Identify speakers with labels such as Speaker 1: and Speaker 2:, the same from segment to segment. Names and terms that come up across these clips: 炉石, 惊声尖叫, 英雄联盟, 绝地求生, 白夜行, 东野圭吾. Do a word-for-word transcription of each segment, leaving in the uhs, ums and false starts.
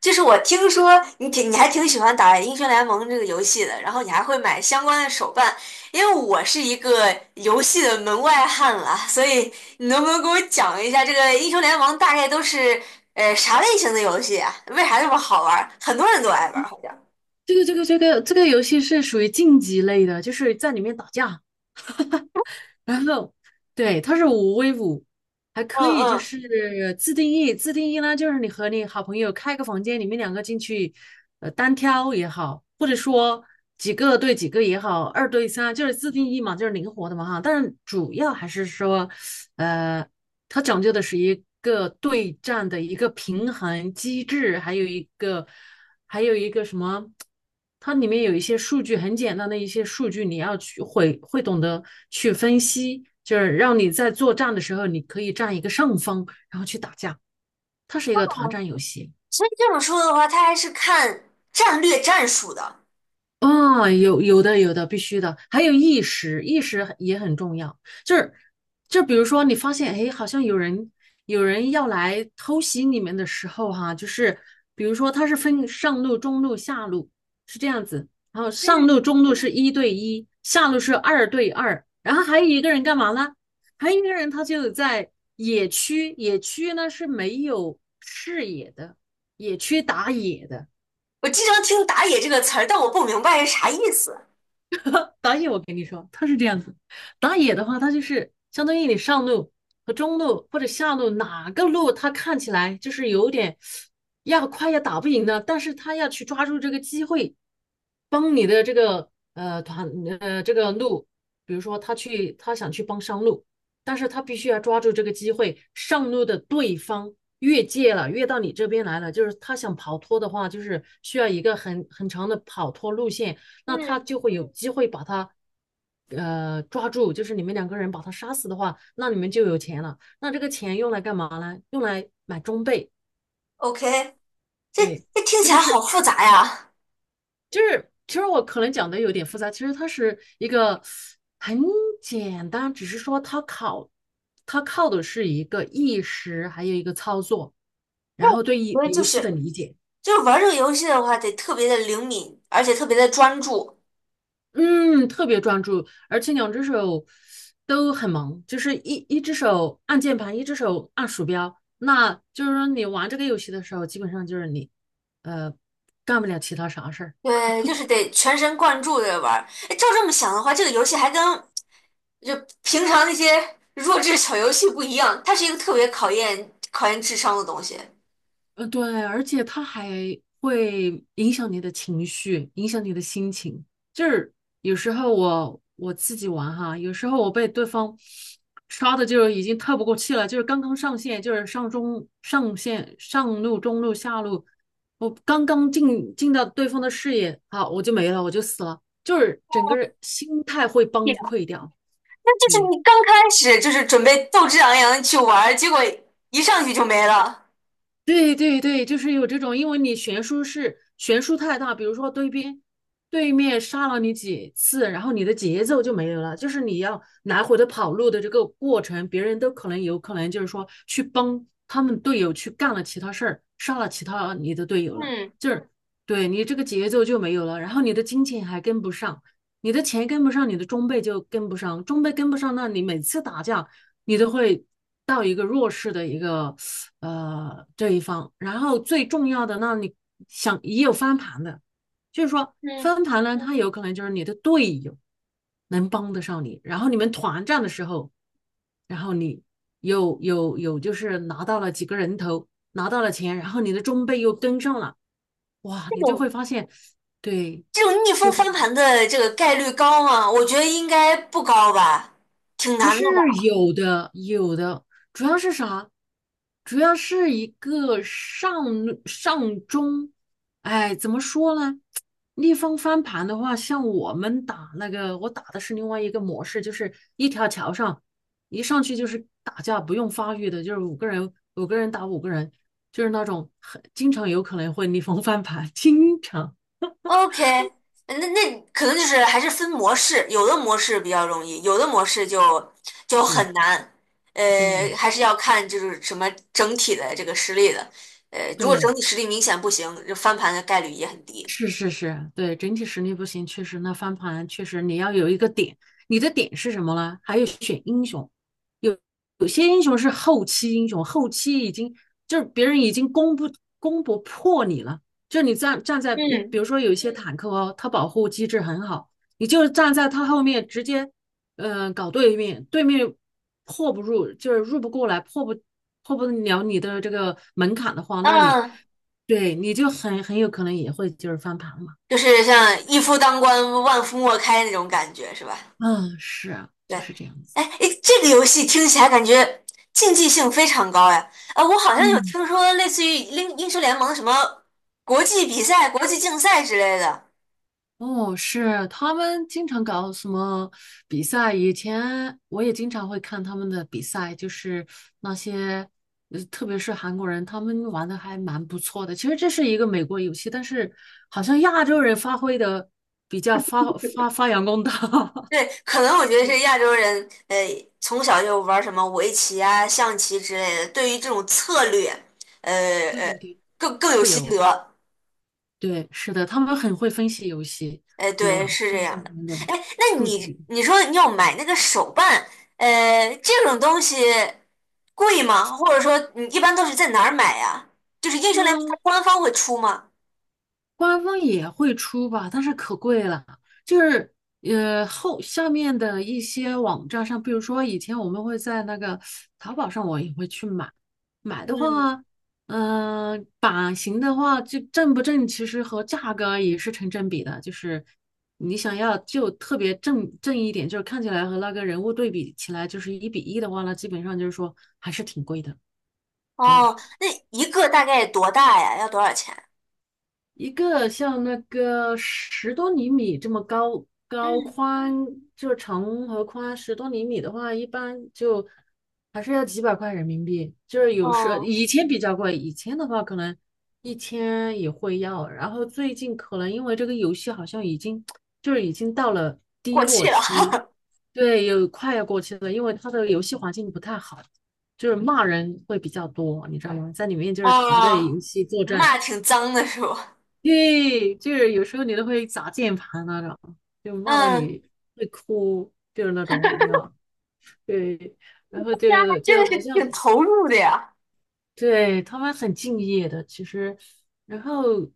Speaker 1: 就是我听说你挺你还挺喜欢打《英雄联盟》这个游戏的，然后你还会买相关的手办。因为我是一个游戏的门外汉了，所以你能不能给我讲一下这个《英雄联盟》大概都是呃啥类型的游戏啊？为啥这么好玩儿？很多人都爱玩儿，好像。
Speaker 2: 这个这个这个这个游戏是属于竞技类的，就是在里面打架，然后对，它是五 v 五，还可
Speaker 1: 嗯
Speaker 2: 以就
Speaker 1: 嗯，
Speaker 2: 是自定义。自定义呢就是你和你好朋友开个房间，你们两个进去，呃，单挑也好，或者说几个对几个也好，二对三就是自定义嘛，就是灵活的嘛哈。但是主要还是说，呃，它讲究的是一个对战的一个平衡机制，还有一个。还有一个什么，它里面有一些数据，很简单的一些数据，你要去会会懂得去分析，就是让你在作战的时候，你可以占一个上风，然后去打架。它是一个团战游戏。
Speaker 1: 所以这种说的话，它还是看战略战术的。
Speaker 2: 啊，有有的有的，必须的，还有意识，意识也很重要。就是就比如说，你发现哎，好像有人有人要来偷袭你们的时候哈、就是比如说他是分上路、中路、下路是这样子。然后上路、中路是一对一，下路是二对二，然后还有一个人干嘛呢？还有一个人他就在野区，野区呢是没有视野的，野区打野的。
Speaker 1: 我经常听"打野"这个词儿，但我不明白是啥意思。
Speaker 2: 打野我跟你说，他是这样子。打野的话，他就是相当于你上路和中路或者下路哪个路，他看起来就是有点要快要打不赢的，但是他要去抓住这个机会，帮你的这个呃团呃这个路。比如说他去他想去帮上路，但是他必须要抓住这个机会，上路的对方越界了，越到你这边来了，就是他想跑脱的话，就是需要一个很很长的跑脱路线。那
Speaker 1: 嗯
Speaker 2: 他就会有机会把他呃抓住，就是你们两个人把他杀死的话，那你们就有钱了。那这个钱用来干嘛呢？用来买装备。
Speaker 1: ，OK。这
Speaker 2: 对，
Speaker 1: 这听
Speaker 2: 这
Speaker 1: 起
Speaker 2: 个
Speaker 1: 来好
Speaker 2: 是
Speaker 1: 复杂呀。
Speaker 2: 就是其实我可能讲的有点复杂，其实它是一个很简单，只是说它考它靠的是一个意识，还有一个操作，
Speaker 1: 那
Speaker 2: 然后对于
Speaker 1: 我觉得就
Speaker 2: 游戏的
Speaker 1: 是
Speaker 2: 理解。
Speaker 1: 就是玩这个游戏的话，得特别的灵敏，而且特别的专注。
Speaker 2: 嗯，特别专注，而且两只手都很忙，就是一一只手按键盘，一只手按鼠标。那就是说，你玩这个游戏的时候，基本上就是你呃干不了其他啥事儿。
Speaker 1: 对，就是得全神贯注的玩儿。哎，照这么想的话，这个游戏还跟就平常那些 弱智小游戏不一样，它是一个特别考验考验智商的东西。
Speaker 2: 呃，对，而且他还会影响你的情绪，影响你的心情。就是有时候我我自己玩哈，有时候我被对方刷的就已经透不过气了，就是刚刚上线，就是上中上线上路、中路、下路，我刚刚进进到对方的视野，好，我就没了，我就死了，就是整个人心态会崩
Speaker 1: 对，
Speaker 2: 溃掉。
Speaker 1: 那就是
Speaker 2: 对。
Speaker 1: 你刚开始就是准备斗志昂扬的去玩儿，结果一上去就没了。
Speaker 2: 对对对，就是有这种，因为你悬殊是悬殊太大，比如说对边对面杀了你几次，然后你的节奏就没有了，就是你要来回的跑路的这个过程，别人都可能有可能就是说去帮他们队友去干了其他事儿，杀了其他你的队友了，
Speaker 1: 嗯
Speaker 2: 就是对你这个节奏就没有了，然后你的金钱还跟不上。你的钱跟不上，你的装备就跟不上，装备跟不上，那你每次打架，你都会到一个弱势的一个呃这一方。然后最重要的，那你想也有翻盘的。就是说
Speaker 1: 嗯，
Speaker 2: 翻盘呢，他有可能就是你的队友能帮得上你，然后你们团战的时候，然后你有有有就是拿到了几个人头，拿到了钱，然后你的装备又跟上了，哇，
Speaker 1: 这
Speaker 2: 你就
Speaker 1: 种
Speaker 2: 会发现，对，
Speaker 1: 这种逆
Speaker 2: 就
Speaker 1: 风翻
Speaker 2: 很。
Speaker 1: 盘的这个概率高吗？我觉得应该不高吧，挺
Speaker 2: 还
Speaker 1: 难的
Speaker 2: 是
Speaker 1: 吧。
Speaker 2: 有的，有的。主要是啥？主要是一个上上中，哎，怎么说呢？逆风翻盘的话，像我们打那个，我打的是另外一个模式，就是一条桥上，一上去就是打架，不用发育的，就是五个人，五个人打五个人，就是那种很经常有可能会逆风翻盘，经常
Speaker 1: OK，那那可能就是还是分模式，有的模式比较容易，有的模式就就
Speaker 2: 是，
Speaker 1: 很难。呃，
Speaker 2: 对
Speaker 1: 还是要看就是什么整体的这个实力的。呃，如果整
Speaker 2: 对。
Speaker 1: 体实力明显不行，就翻盘的概率也很低。
Speaker 2: 是是是，对，整体实力不行，确实那翻盘确实你要有一个点。你的点是什么呢？还有选英雄，有有些英雄是后期英雄，后期已经就是别人已经攻不攻不破你了，就是你站站在比
Speaker 1: 嗯，
Speaker 2: 比如说有一些坦克哦，它保护机制很好，你就站在它后面直接嗯、呃搞对面，对面破不入，就是入不过来，破不破不了你的这个门槛的话，那你。
Speaker 1: 那
Speaker 2: 对，你就很很有可能也会就是翻盘嘛。
Speaker 1: 就是像一夫当关，万夫莫开那种感觉，是吧？
Speaker 2: 嗯，是啊，
Speaker 1: 对。
Speaker 2: 就是这样子。
Speaker 1: 哎，诶这个游戏听起来感觉竞技性非常高呀！呃，我好像有
Speaker 2: 嗯。
Speaker 1: 听说类似于英英雄联盟什么国际比赛、国际竞赛之类的。
Speaker 2: 哦，是，他们经常搞什么比赛，以前我也经常会看他们的比赛，就是那些，呃特别是韩国人，他们玩的还蛮不错的。其实这是一个美国游戏，但是好像亚洲人发挥的比较发发发扬光大。
Speaker 1: 对，可能我觉得是亚洲人，呃，从小就玩什么围棋啊、象棋之类的，对于这种策略，呃
Speaker 2: 对对
Speaker 1: 呃，更更有
Speaker 2: 对，
Speaker 1: 心
Speaker 2: 有，
Speaker 1: 得。
Speaker 2: 对，是的，他们很会分析游戏，
Speaker 1: 哎，对，
Speaker 2: 就
Speaker 1: 是
Speaker 2: 分
Speaker 1: 这
Speaker 2: 析
Speaker 1: 样
Speaker 2: 里
Speaker 1: 的。
Speaker 2: 面的
Speaker 1: 哎，那
Speaker 2: 数
Speaker 1: 你
Speaker 2: 据。
Speaker 1: 你说你要买那个手办，呃，这种东西贵吗？或者说你一般都是在哪儿买呀？就是英雄联盟它
Speaker 2: 啊，
Speaker 1: 官方会出吗？
Speaker 2: 官方也会出吧，但是可贵了。就是呃，后下面的一些网站上，比如说以前我们会在那个淘宝上，我也会去买。买的
Speaker 1: 嗯。
Speaker 2: 话，嗯、版型的话，就正不正，其实和价格也是成正比的。就是你想要就特别正正一点，就是看起来和那个人物对比起来就是一比一的话呢，基本上就是说还是挺贵的。对。
Speaker 1: 哦，那一个大概多大呀？要多少钱？
Speaker 2: 一个像那个十多厘米这么高高
Speaker 1: 嗯。
Speaker 2: 宽，就长和宽十多厘米的话，一般就还是要几百块人民币。就是有时
Speaker 1: 哦，
Speaker 2: 以前比较贵，以前的话可能一千也会要。然后最近可能因为这个游戏好像已经就是已经到了
Speaker 1: 过
Speaker 2: 低落
Speaker 1: 气了。
Speaker 2: 期，对，有快要过期了，因为它的游戏环境不太好，就是骂人会比较多，你知道吗？在里面就是团队
Speaker 1: 哦，
Speaker 2: 游戏作战。
Speaker 1: 骂挺脏的是不？
Speaker 2: 对，就是有时候你都会砸键盘那种，就骂到
Speaker 1: 嗯。
Speaker 2: 你会哭，就是那种呀。对，然后就
Speaker 1: 真的
Speaker 2: 就
Speaker 1: 是
Speaker 2: 好像，
Speaker 1: 挺投入的呀。
Speaker 2: 对，他们很敬业的，其实，然后，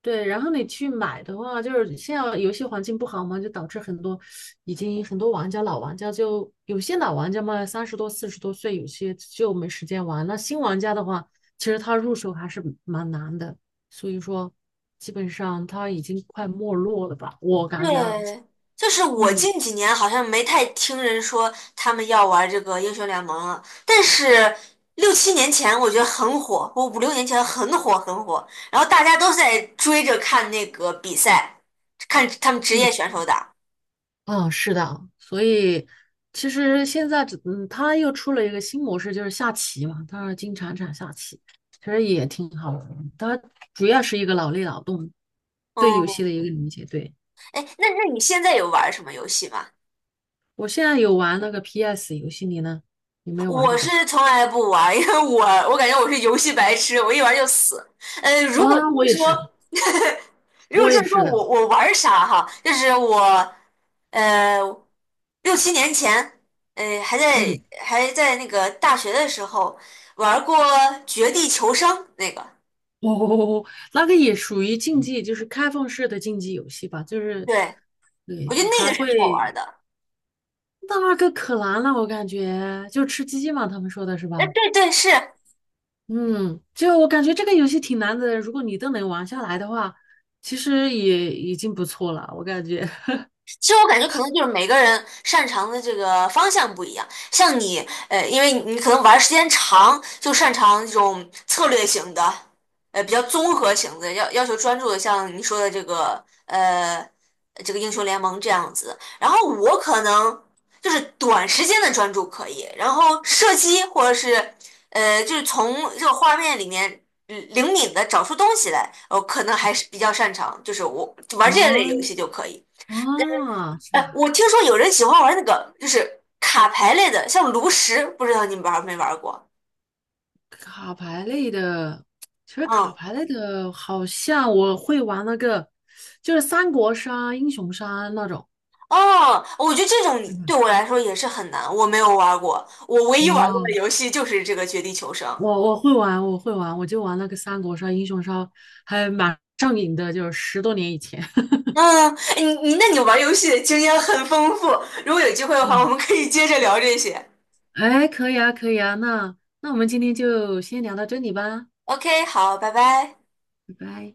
Speaker 2: 对，然后你去买的话，就是现在游戏环境不好嘛，就导致很多已经很多玩家老玩家就有些老玩家嘛，三十多四十多岁，有些就没时间玩。那新玩家的话，其实他入手还是蛮难的，所以说基本上他已经快没落了吧，我感觉啊，
Speaker 1: 对，就是我
Speaker 2: 嗯
Speaker 1: 近几年好像没太听人说他们要玩这个英雄联盟了，但是六七年前我觉得很火，我五六年前很火很火。然后大家都在追着看那个比赛，看他们职
Speaker 2: 嗯。
Speaker 1: 业选手打。
Speaker 2: 嗯，是的，所以其实现在只，嗯，他又出了一个新模式，就是下棋嘛，他是金铲铲下棋，其实也挺好玩的。它主要是一个脑力劳动，对游戏
Speaker 1: 嗯。
Speaker 2: 的一个理解。对，
Speaker 1: 哎，那那你现在有玩什么游戏吗？
Speaker 2: 我现在有玩那个 P S 游戏，你呢？有没有玩
Speaker 1: 我
Speaker 2: 这种？
Speaker 1: 是从来不玩，因为我我感觉我是游戏白痴，我一玩就死。呃，如果
Speaker 2: 啊，
Speaker 1: 这
Speaker 2: 我
Speaker 1: 么
Speaker 2: 也是，
Speaker 1: 说，如果
Speaker 2: 我
Speaker 1: 这
Speaker 2: 也
Speaker 1: 么说
Speaker 2: 是的。
Speaker 1: 我我玩啥哈？就是我呃六七年前，呃还在
Speaker 2: 嗯。
Speaker 1: 还在那个大学的时候玩过《绝地求生》那个。
Speaker 2: 哦，那个也属于竞技，就是开放式的竞技游戏吧，就是
Speaker 1: 对，我
Speaker 2: 对，
Speaker 1: 觉得那
Speaker 2: 还
Speaker 1: 个是好玩
Speaker 2: 会
Speaker 1: 的。
Speaker 2: 那个可难了，我感觉就吃鸡嘛，他们说的是
Speaker 1: 哎，
Speaker 2: 吧？
Speaker 1: 对对是。
Speaker 2: 嗯，就我感觉这个游戏挺难的，如果你都能玩下来的话，其实也已经不错了，我感觉。
Speaker 1: 其实我感觉可能就是每个人擅长的这个方向不一样，像你，呃，因为你可能玩儿时间长，就擅长这种策略型的，呃，比较综合型的，要要求专注的，像你说的这个，呃，这个英雄联盟这样子。然后我可能就是短时间的专注可以，然后射击或者是，呃，就是从这个画面里面。嗯，灵敏的找出东西来，我可能还是比较擅长，就是我玩这类游
Speaker 2: 哦
Speaker 1: 戏就可以。
Speaker 2: 哦，是
Speaker 1: 哎，
Speaker 2: 吧？
Speaker 1: 我听说有人喜欢玩那个，就是卡牌类的，像炉石，不知道你们玩没玩过？
Speaker 2: 卡牌类的，其实卡
Speaker 1: 嗯。
Speaker 2: 牌类的，好像我会玩那个，就是三国杀、英雄杀那种。
Speaker 1: 哦，我觉得这种对我来说也是很难，我没有玩过。我唯一玩过
Speaker 2: 哦，
Speaker 1: 的游戏就是这个《绝地求生》。
Speaker 2: 我我会玩，我会玩，我就玩那个三国杀、英雄杀，还蛮上瘾的，就是十多年以前。
Speaker 1: 嗯。哎你你那你玩游戏的经验很丰富，如果有机会 的话，我
Speaker 2: 嗯，
Speaker 1: 们可以接着聊这些。
Speaker 2: 哎，可以啊，可以啊，那那我们今天就先聊到这里吧，
Speaker 1: OK，好，拜拜。
Speaker 2: 拜拜。